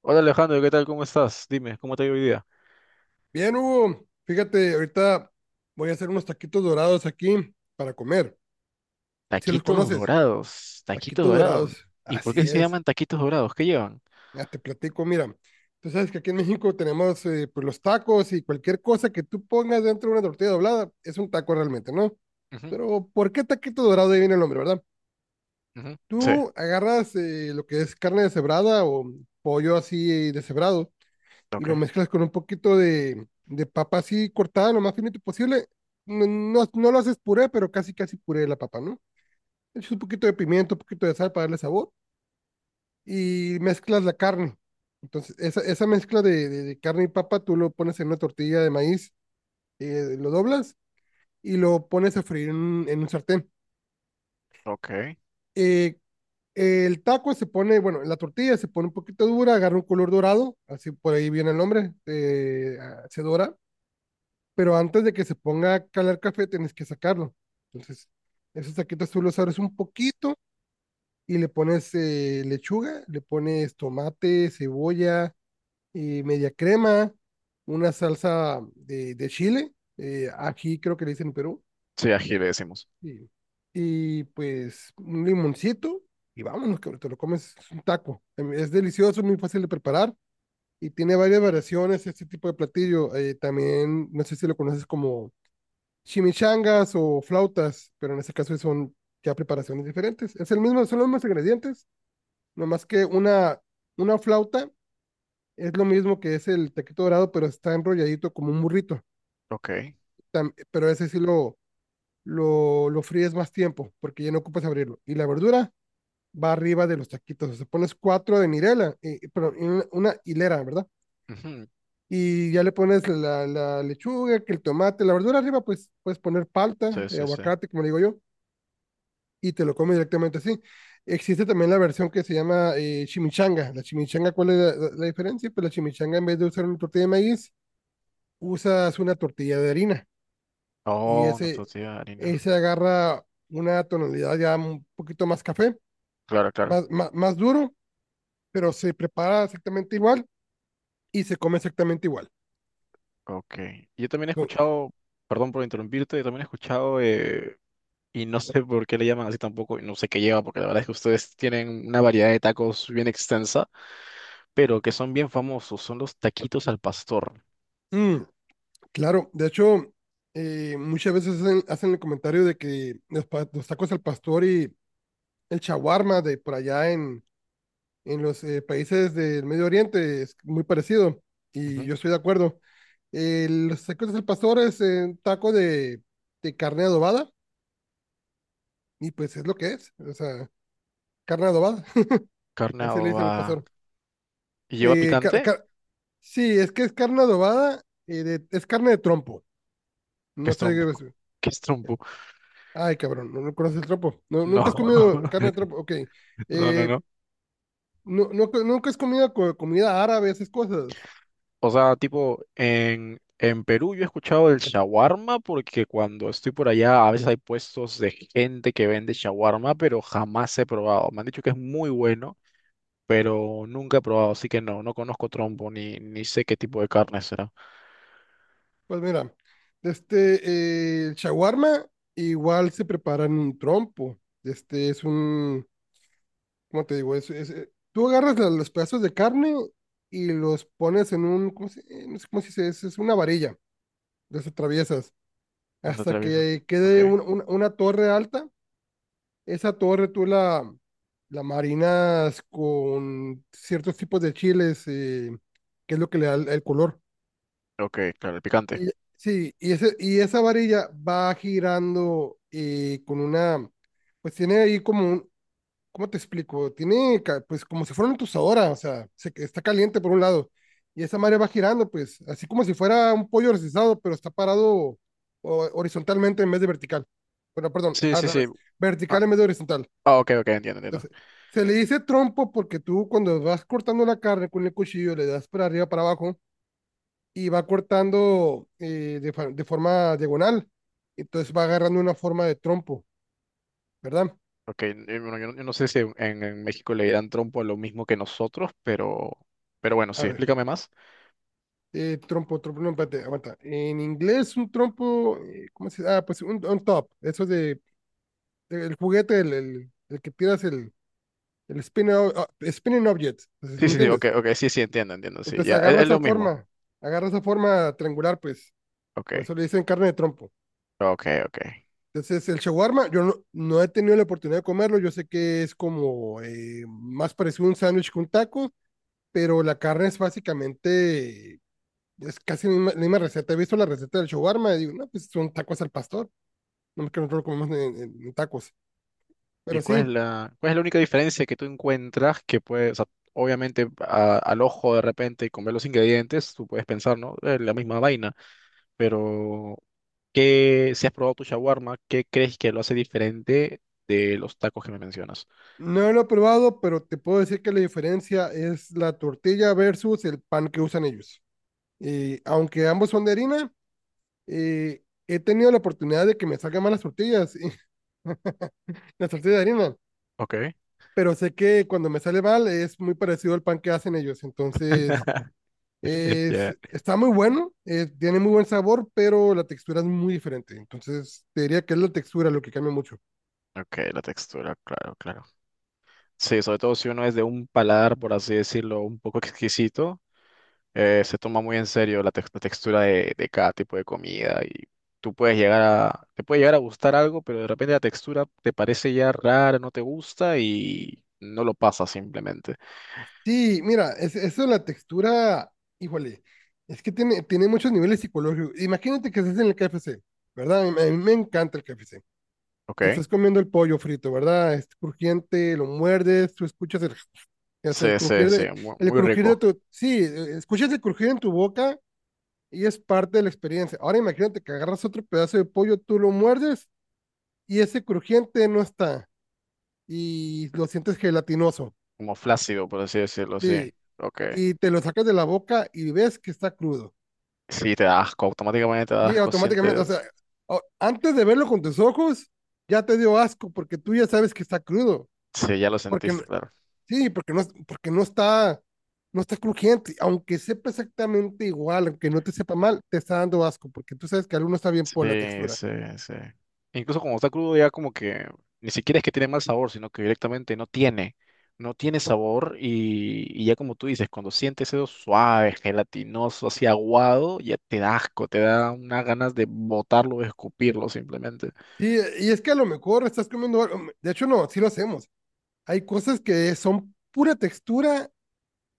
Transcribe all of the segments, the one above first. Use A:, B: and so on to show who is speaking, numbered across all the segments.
A: Hola Alejandro, ¿qué tal? ¿Cómo estás? Dime, ¿cómo te ha ido hoy día?
B: Bien, Hugo, fíjate, ahorita voy a hacer unos taquitos dorados aquí para comer. Si los
A: Taquitos
B: conoces,
A: dorados, taquitos
B: taquitos
A: dorados.
B: dorados.
A: ¿Y por qué
B: Así
A: se
B: es.
A: llaman taquitos dorados? ¿Qué llevan?
B: Ya te platico, mira. Tú sabes que aquí en México tenemos pues los tacos, y cualquier cosa que tú pongas dentro de una tortilla doblada es un taco realmente, ¿no?
A: Ujú,
B: Pero ¿por qué taquito dorado? Ahí viene el nombre, ¿verdad?
A: ujú. Sí,
B: Tú agarras lo que es carne deshebrada o pollo así deshebrado, y
A: ok,
B: lo mezclas con un poquito de papa así cortada lo más finito posible. No, no, no lo haces puré, pero casi casi puré de la papa, ¿no? Le echas un poquito de pimiento, un poquito de sal para darle sabor y mezclas la carne. Entonces, esa mezcla de carne y papa tú lo pones en una tortilla de maíz, lo doblas y lo pones a freír en, en un sartén.
A: ok.
B: Eh, el taco se pone, bueno, la tortilla se pone un poquito dura, agarra un color dorado, así por ahí viene el nombre, se dora, pero antes de que se ponga a calar café tienes que sacarlo. Entonces, esos taquitos tú los abres un poquito y le pones lechuga, le pones tomate, cebolla, media crema, una salsa de chile, aquí creo que le dicen en Perú,
A: Sí, ají le decimos.
B: y, y pues un limoncito y vámonos, que te lo comes, es un taco. Es delicioso, muy fácil de preparar y tiene varias variaciones este tipo de platillo. También, no sé si lo conoces como chimichangas o flautas, pero en este caso son ya preparaciones diferentes. Es el mismo, son los mismos ingredientes, nomás que una flauta es lo mismo que es el taquito dorado, pero está enrolladito como un burrito.
A: Ok.
B: Pero ese sí lo fríes más tiempo, porque ya no ocupas abrirlo. Y la verdura va arriba de los taquitos. O sea, pones cuatro de Mirela, pero en una hilera, ¿verdad?
A: Ujú,
B: Y ya le pones la lechuga, que el tomate, la verdura arriba, pues puedes poner palta,
A: sí, sí, sí.
B: aguacate, como le digo yo, y te lo comes directamente así. Existe también la versión que se llama chimichanga. La chimichanga, ¿cuál es la diferencia? Pues la chimichanga, en vez de usar una tortilla de maíz, usas una tortilla de harina, y
A: Oh, una tortilla de harina.
B: ese agarra una tonalidad ya un poquito más café,
A: Claro, claro.
B: más duro, pero se prepara exactamente igual y se come exactamente igual.
A: Ok. Yo también he
B: No,
A: escuchado, perdón por interrumpirte, yo también he escuchado, y no sé por qué le llaman así tampoco, y no sé qué lleva, porque la verdad es que ustedes tienen una variedad de tacos bien extensa, pero que son bien famosos, son los taquitos al pastor.
B: mm, claro, de hecho, muchas veces hacen el comentario de que los, los tacos al pastor y el chaguarma de por allá en los países del Medio Oriente es muy parecido y
A: Ujú.
B: yo estoy de acuerdo. Los tacos del pastor es taco de carne adobada, y pues es lo que es, o sea, carne adobada,
A: Carne
B: así le dicen al
A: adobada.
B: pastor.
A: ¿Y lleva
B: Eh, car-
A: picante?
B: car- sí, es que es carne adobada, es carne de trompo,
A: ¿Qué
B: no
A: es
B: sé
A: trompo?
B: qué es-
A: ¿Qué es trompo?
B: Ay, cabrón, no, no conoces el trompo. No,
A: No,
B: nunca has comido carne de trompo, ok.
A: no, no,
B: Eh,
A: no.
B: no, no, nunca has comido comida árabe, esas cosas.
A: O sea, tipo, en Perú yo he escuchado el shawarma porque cuando estoy por allá a veces hay puestos de gente que vende shawarma, pero jamás he probado. Me han dicho que es muy bueno, pero nunca he probado, así que no, no conozco trompo ni sé qué tipo de carne será.
B: Pues mira, este, el shawarma igual se prepara en un trompo. Este es un, ¿cómo te digo? Es, tú agarras los pedazos de carne y los pones en un, ¿cómo se, no sé cómo se dice? Es una varilla, las atraviesas
A: ¿Dónde
B: hasta
A: atraviesa?
B: que
A: Ok,
B: quede una torre alta. Esa torre tú la marinas con ciertos tipos de chiles, que es lo que le da el color.
A: ok, claro, el picante.
B: Y, sí, y, ese, y esa varilla va girando con una, pues tiene ahí como un, ¿cómo te explico? Tiene, pues como si fuera una tostadora, o sea, está caliente por un lado, y esa madre va girando, pues, así como si fuera un pollo recesado, pero está parado horizontalmente en vez de vertical. Bueno, perdón,
A: Sí,
B: al
A: sí, sí.
B: revés, vertical
A: Ah,
B: en vez de horizontal.
A: ah, ok, ok, entiendo, entiendo.
B: Entonces, se le dice trompo porque tú cuando vas cortando la carne con el cuchillo le das para arriba, para abajo, y va cortando de forma diagonal. Entonces va agarrando una forma de trompo, ¿verdad?
A: Ok, bueno, yo no sé si en México le dan trompo a lo mismo que nosotros, pero bueno, sí,
B: A ver,
A: explícame más.
B: no, espérate, aguanta. En inglés, un trompo, ¿cómo se dice? Ah, pues un top, eso de, el juguete, el que tiras el spinning, spinning object, entonces, ¿sí
A: Sí,
B: me
A: sí, sí, ok,
B: entiendes?
A: ok, sí, sí, entiendo, entiendo, sí,
B: Entonces
A: ya, es lo mismo.
B: agarra esa forma triangular, pues,
A: Ok,
B: por eso le dicen carne de trompo.
A: ok, ok.
B: Entonces, el shawarma, yo no, no he tenido la oportunidad de comerlo. Yo sé que es como más parecido a un sándwich que un taco, pero la carne es básicamente, es casi la misma receta. He visto la receta del shawarma y digo, no, pues son tacos al pastor. No es que nosotros lo comemos en, en tacos.
A: ¿Y
B: Pero
A: cuál es
B: sí,
A: cuál es la única diferencia que tú encuentras que puede, o sea, obviamente al ojo de repente y con ver los ingredientes, tú puedes pensar, ¿no? Es la misma vaina, pero ¿qué, si has probado tu shawarma, qué crees que lo hace diferente de los tacos que me mencionas?
B: no lo he probado, pero te puedo decir que la diferencia es la tortilla versus el pan que usan ellos. Y aunque ambos son de harina, he tenido la oportunidad de que me salgan mal las tortillas, las tortillas de harina,
A: Ok,
B: pero sé que cuando me sale mal es muy parecido al pan que hacen ellos, entonces es,
A: ya.
B: está muy bueno, tiene muy buen sabor, pero la textura es muy diferente, entonces te diría que es la textura lo que cambia mucho.
A: Ok, la textura, claro, claro. Sí, sobre todo si uno es de un paladar, por así decirlo, un poco exquisito, se toma muy en serio la textura de cada tipo de comida y tú puedes llegar a, te puede llegar a gustar algo, pero de repente la textura te parece ya rara, no te gusta y no lo pasas simplemente.
B: Sí, mira, es, eso de la textura, híjole, es que tiene, tiene muchos niveles psicológicos. Imagínate que estás en el KFC, ¿verdad? A mí me encanta el KFC.
A: ¿Ok?
B: Estás comiendo el pollo frito, ¿verdad? Es crujiente, lo muerdes, tú escuchas el, o sea,
A: Sí, sí, sí, muy,
B: el
A: muy
B: crujir de
A: rico.
B: tu, sí, e, escuchas el crujir en tu boca y es parte de la experiencia. Ahora imagínate que agarras otro pedazo de pollo, tú lo muerdes y ese crujiente no está y lo sientes gelatinoso.
A: Como flácido, por así decirlo, sí.
B: Sí,
A: Ok.
B: y te lo sacas de la boca y ves que está crudo.
A: Sí, te da asco, automáticamente te da
B: Y
A: asco,
B: automáticamente, o
A: sientes...
B: sea, antes de verlo con tus ojos, ya te dio asco porque tú ya sabes que está crudo.
A: Sí, ya lo
B: Porque no-
A: sentiste, claro.
B: sí, porque no está, no está crujiente. Aunque sepa exactamente igual, aunque no te sepa mal, te está dando asco porque tú sabes que algo no está bien por la
A: Sí,
B: textura.
A: sí, sí. Incluso cuando está crudo ya como que ni siquiera es que tiene mal sabor, sino que directamente no tiene, no tiene sabor y ya como tú dices, cuando sientes eso suave, gelatinoso, así aguado, ya te da asco, te da unas ganas de botarlo, de escupirlo simplemente.
B: Sí, y es que a lo mejor estás comiendo algo. De hecho, no, sí lo hacemos. Hay cosas que son pura textura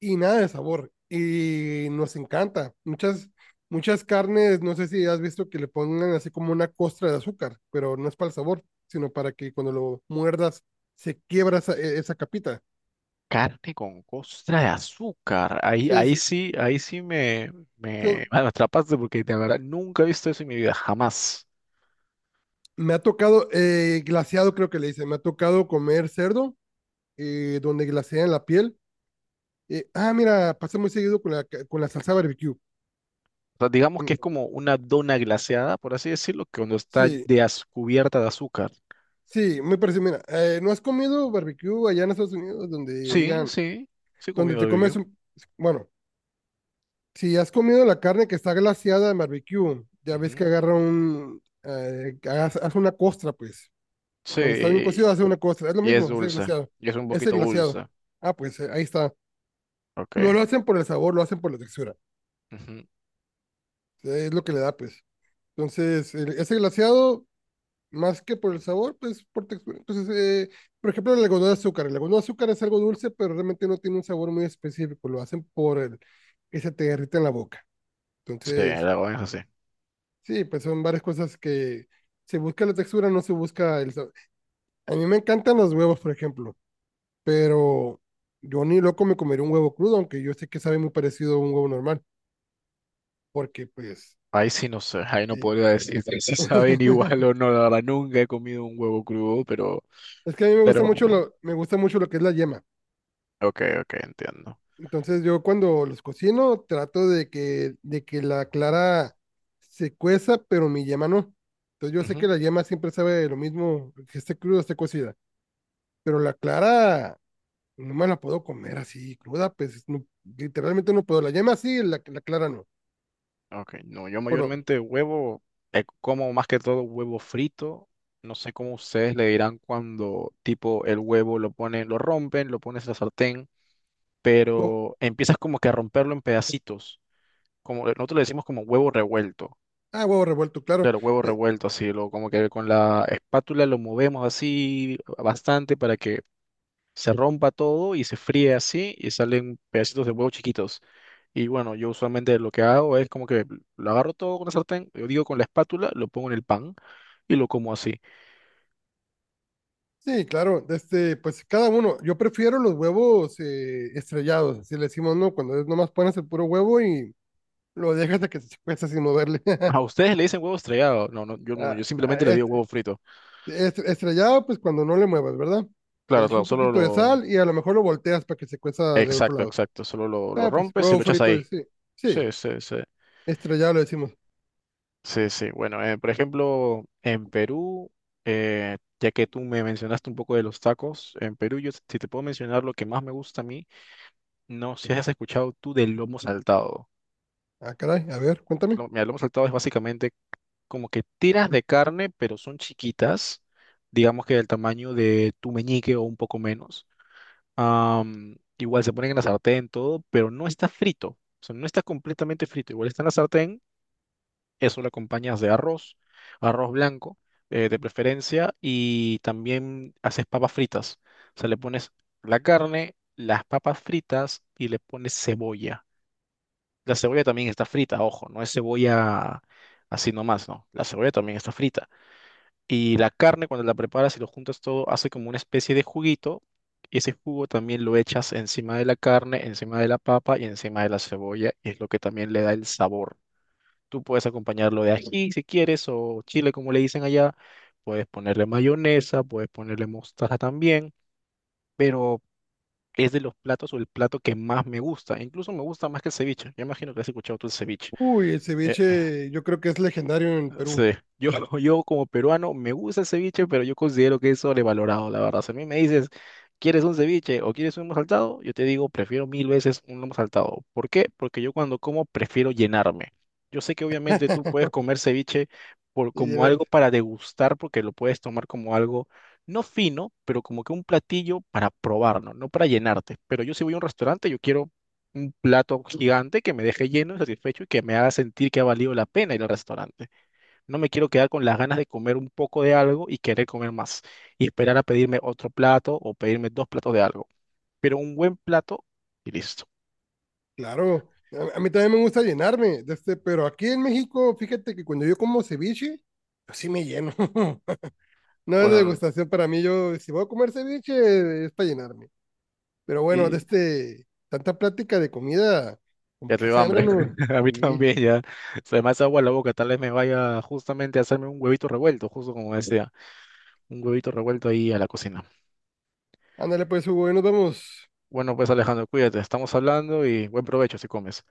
B: y nada de sabor. Y nos encanta. Muchas carnes, no sé si has visto que le pongan así como una costra de azúcar, pero no es para el sabor, sino para que cuando lo muerdas se quiebra esa, esa capita.
A: Carne con costra de azúcar, ahí, ahí
B: Es-
A: sí,
B: son-
A: me atrapaste porque de verdad nunca he visto eso en mi vida, jamás.
B: Me ha tocado, glaseado creo que le dicen, me ha tocado comer cerdo, donde glasean la piel. Mira, pasa muy seguido con la, con la salsa barbecue.
A: O sea, digamos que es como una dona glaseada, por así decirlo, que cuando está
B: Sí,
A: cubierta de azúcar.
B: sí, me parece. Mira, ¿no has comido barbecue allá en Estados Unidos donde
A: Sí,
B: digan,
A: sí, sí he
B: donde
A: comido
B: te comes
A: barbecue.
B: un... Bueno, si has comido la carne que está glaseada en barbecue, ya ves
A: Ujú.
B: que agarra un... hace una costra, pues. Cuando está bien
A: Sí,
B: cocido, hace una costra. Es lo
A: y es
B: mismo, es el
A: dulce,
B: glaseado.
A: y es un
B: Es el
A: poquito
B: glaseado.
A: dulce.
B: Ah, pues ahí está.
A: Ok.
B: No lo hacen por el sabor, lo hacen por la textura.
A: Ujú.
B: Es lo que le da, pues. Entonces, ese glaseado más que por el sabor, pues por textura. Entonces, por ejemplo, el algodón de azúcar. El algodón de azúcar es algo dulce, pero realmente no tiene un sabor muy específico. Lo hacen por el que se te derrita en la boca.
A: Sí,
B: Entonces,
A: la verdad es así.
B: sí, pues son varias cosas que se busca la textura, no se busca el sabor. A mí me encantan los huevos, por ejemplo, pero yo ni loco me comería un huevo crudo, aunque yo sé que sabe muy parecido a un huevo normal, porque pues,
A: Ahí sí no sé, ahí no
B: sí.
A: podría decir si saben igual o no, la verdad nunca he comido un huevo crudo, pero,
B: Es que a mí me gusta
A: pero,
B: mucho lo, me gusta mucho lo que es la yema.
A: ok, ok, entiendo.
B: Entonces yo cuando los cocino trato de que la clara se cueza, pero mi yema no. Entonces yo sé
A: Ujú.
B: que la yema siempre sabe lo mismo que esté cruda, esté cocida, pero la clara no me la puedo comer así cruda, literalmente no puedo. La yema sí, la clara no.
A: Ok, no, yo
B: Pero,
A: mayormente huevo, eh, como más que todo huevo frito. No sé cómo ustedes le dirán cuando tipo el huevo lo ponen, lo rompen, lo pones en la sartén,
B: huevo-
A: pero empiezas como que a romperlo en pedacitos. Como nosotros le decimos como huevo revuelto.
B: ah, huevo revuelto, claro.
A: Claro, huevo
B: Eh,
A: revuelto, así, lo, como que con la espátula lo movemos así bastante para que se rompa todo y se fríe así y salen pedacitos de huevo chiquitos. Y bueno, yo usualmente lo que hago es como que lo agarro todo con la sartén, yo digo con la espátula, lo pongo en el pan y lo como así.
B: sí, claro, este, pues cada uno. Yo prefiero los huevos estrellados, así le decimos, ¿no? Cuando es nomás pones el puro huevo y lo dejas hasta que se cueza sin moverle.
A: A ustedes le dicen huevo estrellado. No, no, yo no, yo
B: Ah, ah,
A: simplemente le digo
B: est-
A: huevo frito.
B: Estrellado, pues cuando no le muevas, ¿verdad? Que
A: Claro,
B: le eches
A: claro,
B: un
A: solo
B: poquito de
A: lo...
B: sal y a lo mejor lo volteas para que se cueza del otro
A: Exacto,
B: lado.
A: exacto, solo lo
B: Ah, pues
A: rompes y
B: huevo
A: lo echas
B: frito,
A: ahí.
B: y sí. Sí,
A: Sí, sí, sí.
B: estrellado le decimos.
A: Sí, sí. Bueno, por ejemplo, en Perú, ya que tú me mencionaste un poco de los tacos, en Perú yo si te puedo mencionar lo que más me gusta a mí, no sé si has escuchado tú del lomo saltado.
B: Ah, caray, a ver, cuéntame.
A: Mira, el lomo saltado es básicamente como que tiras de carne, pero son chiquitas, digamos que del tamaño de tu meñique o un poco menos. Am, igual se ponen en la sartén, todo, pero no está frito, o sea, no está completamente frito, igual está en la sartén, eso lo acompañas de arroz, arroz blanco, de preferencia, y también haces papas fritas, o sea, le pones la carne, las papas fritas y le pones cebolla. La cebolla también está frita, ojo, no es cebolla así nomás, no, la cebolla también está frita y la carne, cuando la preparas y lo juntas todo, hace como una especie de juguito. Y ese jugo también lo echas encima de la carne, encima de la papa y encima de la cebolla. Y es lo que también le da el sabor. Tú puedes acompañarlo de ají si quieres, o chile como le dicen allá. Puedes ponerle mayonesa, puedes ponerle mostaza también. Pero es de los platos o el plato que más me gusta. Incluso me gusta más que el ceviche. Yo imagino que has escuchado tú el ceviche.
B: Uy, el
A: Eh,
B: ceviche yo creo que es legendario en Perú.
A: Sí, yo, yo como peruano me gusta el ceviche, pero yo considero que es sobrevalorado, la verdad. Si a mí me dices, ¿quieres un ceviche o quieres un lomo saltado? Yo te digo, prefiero mil veces un lomo saltado. ¿Por qué? Porque yo cuando como prefiero llenarme. Yo sé que obviamente tú puedes comer ceviche por,
B: Y
A: como algo
B: llenarte.
A: para degustar, porque lo puedes tomar como algo no fino, pero como que un platillo para probar, ¿no? No para llenarte. Pero yo si voy a un restaurante, yo quiero un plato gigante que me deje lleno y satisfecho y que me haga sentir que ha valido la pena ir al restaurante. No me quiero quedar con las ganas de comer un poco de algo y querer comer más y esperar a pedirme otro plato o pedirme dos platos de algo. Pero un buen plato y listo.
B: Claro, a mí también me gusta llenarme, de este, pero aquí en México, fíjate que cuando yo como ceviche, yo sí me lleno. No es
A: Bueno,
B: degustación para mí, yo si voy a comer ceviche es para llenarme. Pero bueno, de
A: y
B: este, tanta plática de comida, como
A: ya
B: que
A: te dio
B: hace
A: hambre.
B: hambre, ¿no?
A: A mí
B: Sí.
A: también ya. Se me hace agua la boca. Tal vez me vaya justamente a hacerme un huevito revuelto, justo como decía. Un huevito revuelto ahí a la cocina.
B: Ándale pues, Hugo, ahí nos vemos.
A: Bueno, pues Alejandro, cuídate. Estamos hablando y buen provecho si comes.